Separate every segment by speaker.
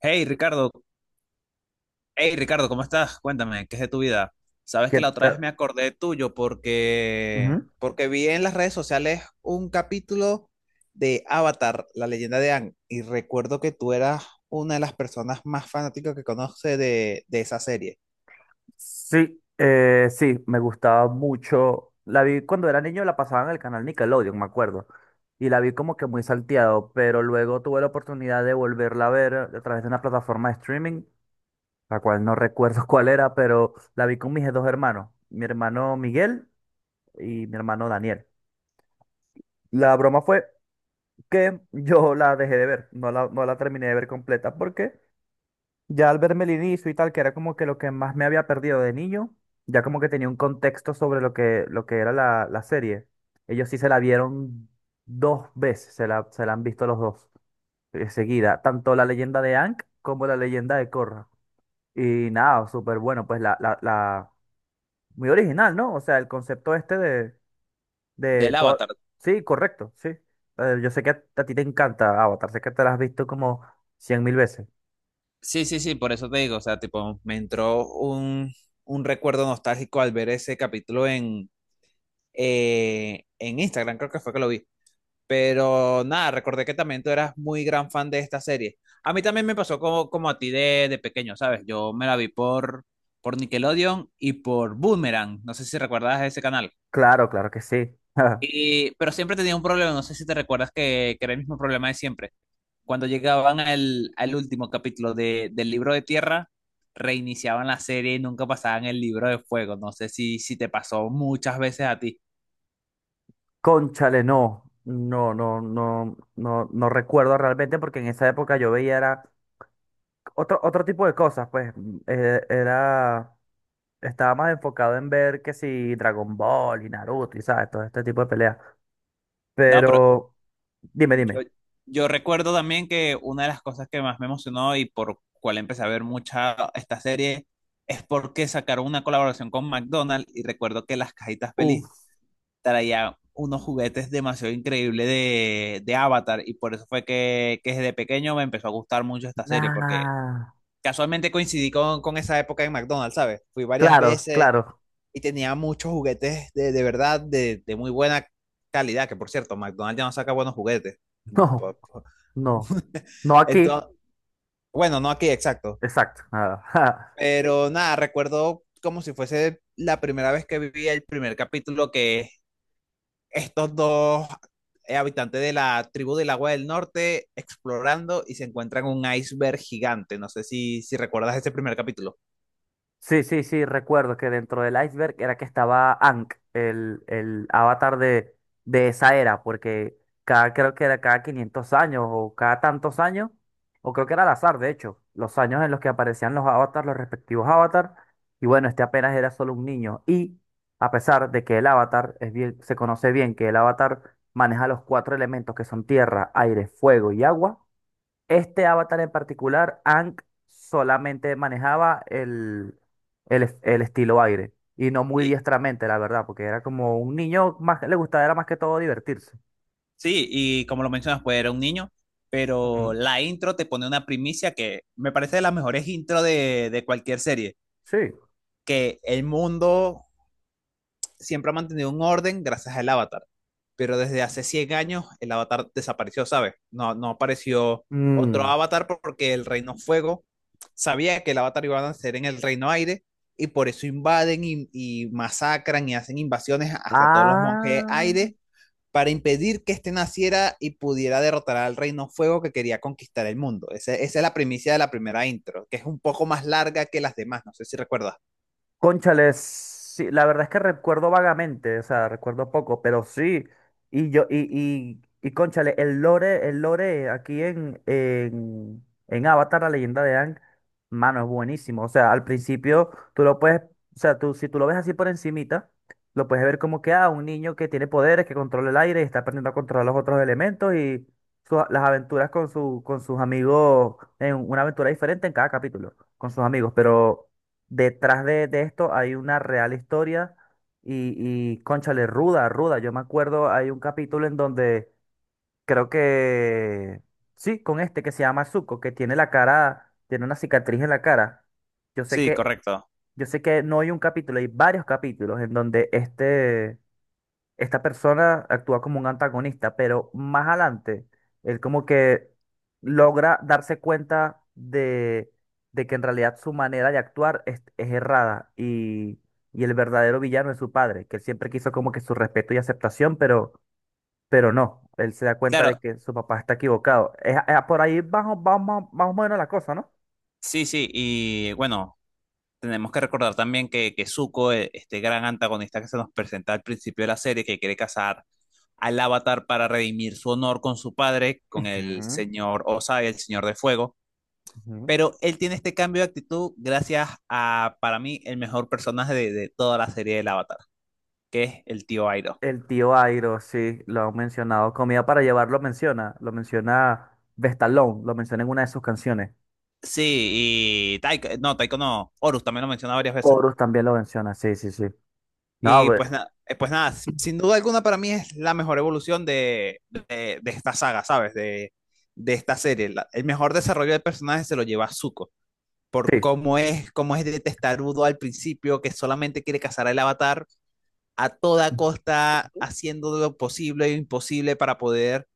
Speaker 1: Hey Ricardo, hey Ricardo, ¿cómo estás? Cuéntame, ¿qué es de tu vida? Sabes que
Speaker 2: ¿Qué
Speaker 1: la otra vez
Speaker 2: tal?
Speaker 1: me acordé tuyo porque
Speaker 2: Ujú.
Speaker 1: porque vi en las redes sociales un capítulo de Avatar, la leyenda de Aang, y recuerdo que tú eras una de las personas más fanáticas que conoce de esa serie.
Speaker 2: Sí, sí, me gustaba mucho. La vi cuando era niño, la pasaban en el canal Nickelodeon, me acuerdo. Y la vi como que muy salteado, pero luego tuve la oportunidad de volverla a ver a través de una plataforma de streaming, la cual no recuerdo cuál era, pero la vi con mis dos hermanos, mi hermano Miguel y mi hermano Daniel. La broma fue que yo la dejé de ver, no la terminé de ver completa porque ya al verme el inicio y tal, que era como que lo que más me había perdido de niño, ya como que tenía un contexto sobre lo que era la serie. Ellos sí se la vieron dos veces, se la han visto los dos seguida, tanto la leyenda de Aang como la leyenda de Korra. Y nada, súper bueno, pues muy original, ¿no? O sea, el concepto este de
Speaker 1: Del
Speaker 2: todo.
Speaker 1: Avatar.
Speaker 2: Sí, correcto, sí. Yo sé que a ti te encanta Avatar, sé que te la has visto como 100.000 veces.
Speaker 1: Sí, sí, sí, por eso te digo, o sea, tipo, me entró un recuerdo nostálgico al ver ese capítulo en Instagram, creo que fue que lo vi. Pero nada, recordé que también tú eras muy gran fan de esta serie. A mí también me pasó como, como a ti de pequeño, ¿sabes? Yo me la vi por Nickelodeon y por Boomerang. No sé si recuerdas ese canal.
Speaker 2: Claro, claro que sí.
Speaker 1: Y pero siempre tenía un problema, no sé si te recuerdas que era el mismo problema de siempre. Cuando llegaban al último capítulo del libro de tierra, reiniciaban la serie y nunca pasaban el libro de fuego. No sé si, si te pasó muchas veces a ti.
Speaker 2: Cónchale, no, no, no, no, no, no recuerdo realmente porque en esa época yo veía era otro tipo de cosas, pues estaba más enfocado en ver que si Dragon Ball y Naruto y sabes, todo este tipo de peleas.
Speaker 1: No, pero
Speaker 2: Pero, dime,
Speaker 1: Yo,
Speaker 2: dime.
Speaker 1: yo recuerdo también que una de las cosas que más me emocionó y por cual empecé a ver mucha esta serie es porque sacaron una colaboración con McDonald's y recuerdo que las cajitas feliz
Speaker 2: Uf,
Speaker 1: traían unos juguetes demasiado increíbles de Avatar y por eso fue que desde pequeño me empezó a gustar mucho esta serie porque
Speaker 2: nah.
Speaker 1: casualmente coincidí con esa época en McDonald's, ¿sabes? Fui varias
Speaker 2: Claro,
Speaker 1: veces
Speaker 2: claro.
Speaker 1: y tenía muchos juguetes de verdad de muy buena calidad, que por cierto, McDonald's ya no saca buenos juguetes.
Speaker 2: No, no. No aquí.
Speaker 1: Entonces, bueno, no aquí, exacto.
Speaker 2: Exacto. Nada.
Speaker 1: Pero nada, recuerdo como si fuese la primera vez que vi el primer capítulo que estos dos habitantes de la tribu del agua del norte explorando y se encuentran un iceberg gigante. No sé si, si recuerdas ese primer capítulo.
Speaker 2: Sí, sí, sí, recuerdo que dentro del iceberg era que estaba Ankh, el avatar de esa era, porque cada, creo que era cada 500 años o cada tantos años, o creo que era al azar, de hecho, los años en los que aparecían los avatars, los respectivos avatars, y bueno, este apenas era solo un niño. Y a pesar de que el avatar se conoce bien que el avatar maneja los cuatro elementos que son tierra, aire, fuego y agua, este avatar en particular, Aang solamente manejaba el estilo aire y no muy
Speaker 1: Y
Speaker 2: diestramente, la verdad, porque era como un niño más que le gustaba era más que todo divertirse.
Speaker 1: sí, y como lo mencionas, pues era un niño, pero
Speaker 2: Ujú.
Speaker 1: la intro te pone una primicia que me parece de las mejores intros de cualquier serie,
Speaker 2: Sí.
Speaker 1: que el mundo siempre ha mantenido un orden gracias al avatar, pero desde hace 100 años el avatar desapareció, ¿sabes? No, no apareció otro
Speaker 2: Mm.
Speaker 1: avatar porque el Reino Fuego sabía que el avatar iba a nacer en el Reino Aire y por eso invaden y masacran y hacen invasiones hacia todos los monjes
Speaker 2: Ah.
Speaker 1: aire para impedir que este naciera y pudiera derrotar al Reino Fuego que quería conquistar el mundo. Esa es la primicia de la primera intro, que es un poco más larga que las demás, no sé si recuerdas.
Speaker 2: Cónchales, sí, la verdad es que recuerdo vagamente, o sea, recuerdo poco, pero sí. Y cónchale, el lore aquí en Avatar, la leyenda de Aang, mano, es buenísimo. O sea, al principio tú lo puedes, o sea, si tú lo ves así por encimita, lo puedes ver como que, ah, un niño que tiene poderes, que controla el aire y está aprendiendo a controlar los otros elementos y las aventuras con sus amigos, en una aventura diferente en cada capítulo, con sus amigos, pero detrás de esto hay una real historia y, y cónchale, ruda, ruda. Yo me acuerdo, hay un capítulo en donde creo que, sí, con este que se llama Zuko, que tiene la cara, tiene una cicatriz en la cara. Yo sé
Speaker 1: Sí,
Speaker 2: que,
Speaker 1: correcto.
Speaker 2: yo sé que no hay un capítulo, hay varios capítulos en donde esta persona actúa como un antagonista, pero más adelante, él como que logra darse cuenta de que en realidad su manera de actuar es errada y el verdadero villano es su padre, que él siempre quiso como que su respeto y aceptación, pero no, él se da cuenta de
Speaker 1: Claro,
Speaker 2: que su papá está equivocado. Es por ahí vamos, vamos, vamos, más o menos la cosa, ¿no?
Speaker 1: sí, sí, y bueno, tenemos que recordar también que Zuko, este gran antagonista que se nos presenta al principio de la serie, que quiere casar al Avatar para redimir su honor con su padre, con el
Speaker 2: Ujú,
Speaker 1: señor Osai, el señor de fuego,
Speaker 2: ujú.
Speaker 1: pero él tiene este cambio de actitud gracias a, para mí, el mejor personaje de toda la serie del Avatar, que es el tío Airo.
Speaker 2: El tío Airo, sí, lo han mencionado. Comida para llevar lo menciona Vestalón, lo menciona en una de sus canciones.
Speaker 1: Sí, y Taiko no, Horus también lo menciona varias veces.
Speaker 2: Horus también lo menciona, sí, sí, sí. No, a
Speaker 1: Y pues,
Speaker 2: ver,
Speaker 1: pues nada, sin duda alguna para mí es la mejor evolución de esta saga, ¿sabes? De esta serie. El mejor desarrollo de personajes se lo lleva Zuko, por
Speaker 2: sí.
Speaker 1: cómo es de testarudo al principio, que solamente quiere cazar al avatar a toda costa, haciendo lo posible e imposible para poder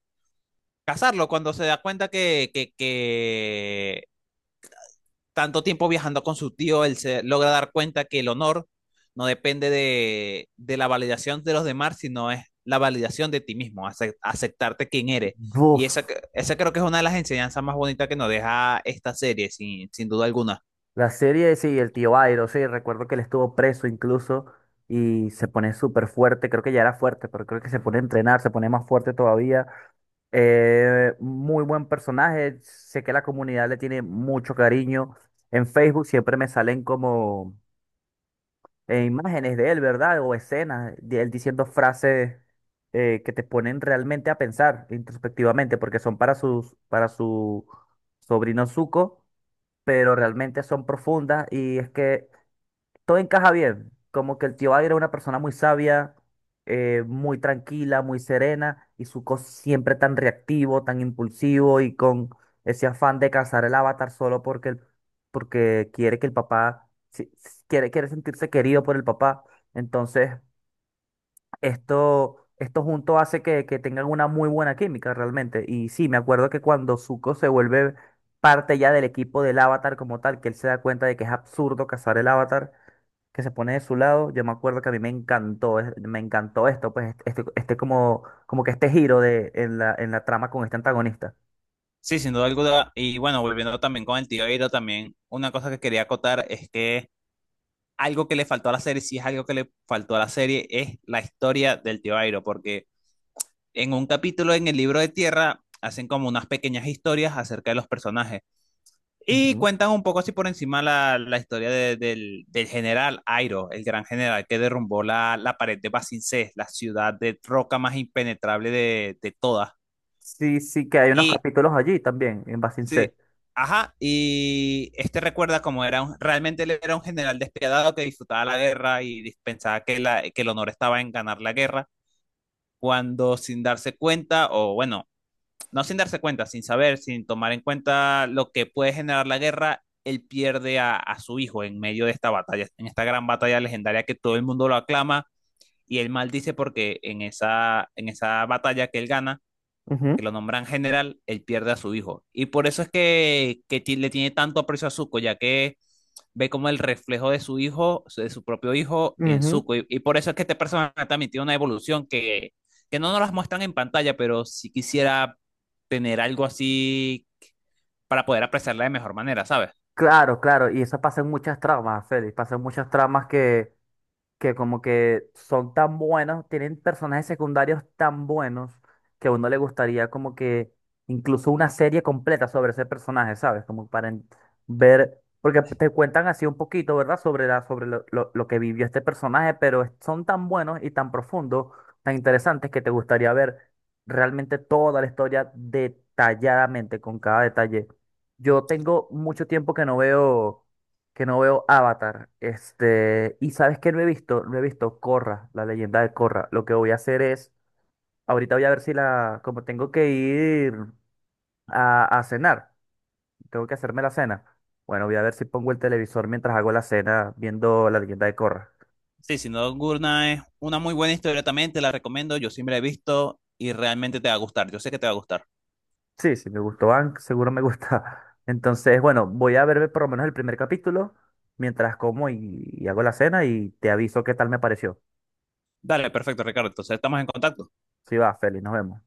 Speaker 1: cazarlo, cuando se da cuenta que, tanto tiempo viajando con su tío, él se logra dar cuenta que el honor no depende de la validación de los demás, sino es la validación de ti mismo, aceptarte quien eres. Y
Speaker 2: Buf.
Speaker 1: esa, esa creo que es una de las enseñanzas más bonitas que nos deja esta serie, sin, sin duda alguna.
Speaker 2: La serie, sí, el tío Airo, sí, recuerdo que él estuvo preso incluso y se pone súper fuerte, creo que ya era fuerte, pero creo que se pone a entrenar, se pone más fuerte todavía. Muy buen personaje, sé que la comunidad le tiene mucho cariño. En Facebook siempre me salen como imágenes de él, ¿verdad? O escenas de él diciendo frases que te ponen realmente a pensar introspectivamente, porque son para para su sobrino Zuko, pero realmente son profundas y es que todo encaja bien. Como que el tío Aire era una persona muy sabia, muy tranquila, muy serena, y Zuko siempre tan reactivo, tan impulsivo y con ese afán de cazar el avatar solo porque, porque quiere que el papá, quiere sentirse querido por el papá. Entonces, esto junto hace que tengan una muy buena química realmente. Y sí, me acuerdo que cuando Zuko se vuelve parte ya del equipo del avatar como tal, que él se da cuenta de que es absurdo cazar el avatar que se pone de su lado. Yo me acuerdo que a mí me encantó, me encantó esto, pues este como que este giro en la trama con este antagonista.
Speaker 1: Sí, sin duda alguna. Y bueno, volviendo también con el tío Airo, también una cosa que quería acotar es que algo que le faltó a la serie, si es algo que le faltó a la serie, es la historia del tío Airo, porque en un capítulo en el libro de tierra hacen como unas pequeñas historias acerca de los personajes y
Speaker 2: Ujú,
Speaker 1: cuentan un poco así por encima la, la historia del general Airo, el gran general que derrumbó la, la pared de Basincés, la ciudad de roca más impenetrable de todas.
Speaker 2: sí, sí, que hay unos
Speaker 1: Y
Speaker 2: capítulos allí también, en Basin C.
Speaker 1: sí, ajá, y este recuerda cómo era realmente él era un general despiadado que disfrutaba la guerra y pensaba que, la, que el honor estaba en ganar la guerra, cuando sin darse cuenta, o bueno, no sin darse cuenta, sin saber, sin tomar en cuenta lo que puede generar la guerra, él pierde a su hijo en medio de esta batalla, en esta gran batalla legendaria que todo el mundo lo aclama y él maldice porque en esa batalla que él gana,
Speaker 2: Ujú,
Speaker 1: que lo nombran general, él pierde a su hijo. Y por eso es que le tiene tanto aprecio a Zuko, ya que ve como el reflejo de su hijo, de su propio hijo en
Speaker 2: ujú.
Speaker 1: Zuko. Y por eso es que este personaje también tiene una evolución que no nos las muestran en pantalla, pero si quisiera tener algo así para poder apreciarla de mejor manera, ¿sabes?
Speaker 2: Claro, claro, y eso pasa en muchas tramas, Félix, pasa en muchas tramas que como que son tan buenos, tienen personajes secundarios tan buenos que a uno le gustaría como que incluso una serie completa sobre ese personaje, ¿sabes? Como para ver, porque te cuentan así un poquito, ¿verdad? Sobre lo que vivió este personaje, pero son tan buenos y tan profundos, tan interesantes que te gustaría ver realmente toda la historia detalladamente, con cada detalle. Yo tengo mucho tiempo que no veo Avatar. Este, y sabes que no he visto Corra, la leyenda de Corra. Lo que voy a hacer es, ahorita voy a ver si la, como tengo que ir a cenar, tengo que hacerme la cena. Bueno, voy a ver si pongo el televisor mientras hago la cena viendo la leyenda de Corra.
Speaker 1: Sí, Sin Duda Nocturna es una muy buena historia también, te la recomiendo, yo siempre la he visto y realmente te va a gustar, yo sé que te va a gustar.
Speaker 2: Sí, sí, me gustó Ank, seguro me gusta. Entonces, bueno, voy a verme por lo menos el primer capítulo mientras como y hago la cena y te aviso qué tal me pareció.
Speaker 1: Dale, perfecto, Ricardo, entonces estamos en contacto.
Speaker 2: Sí va, Feli, nos vemos.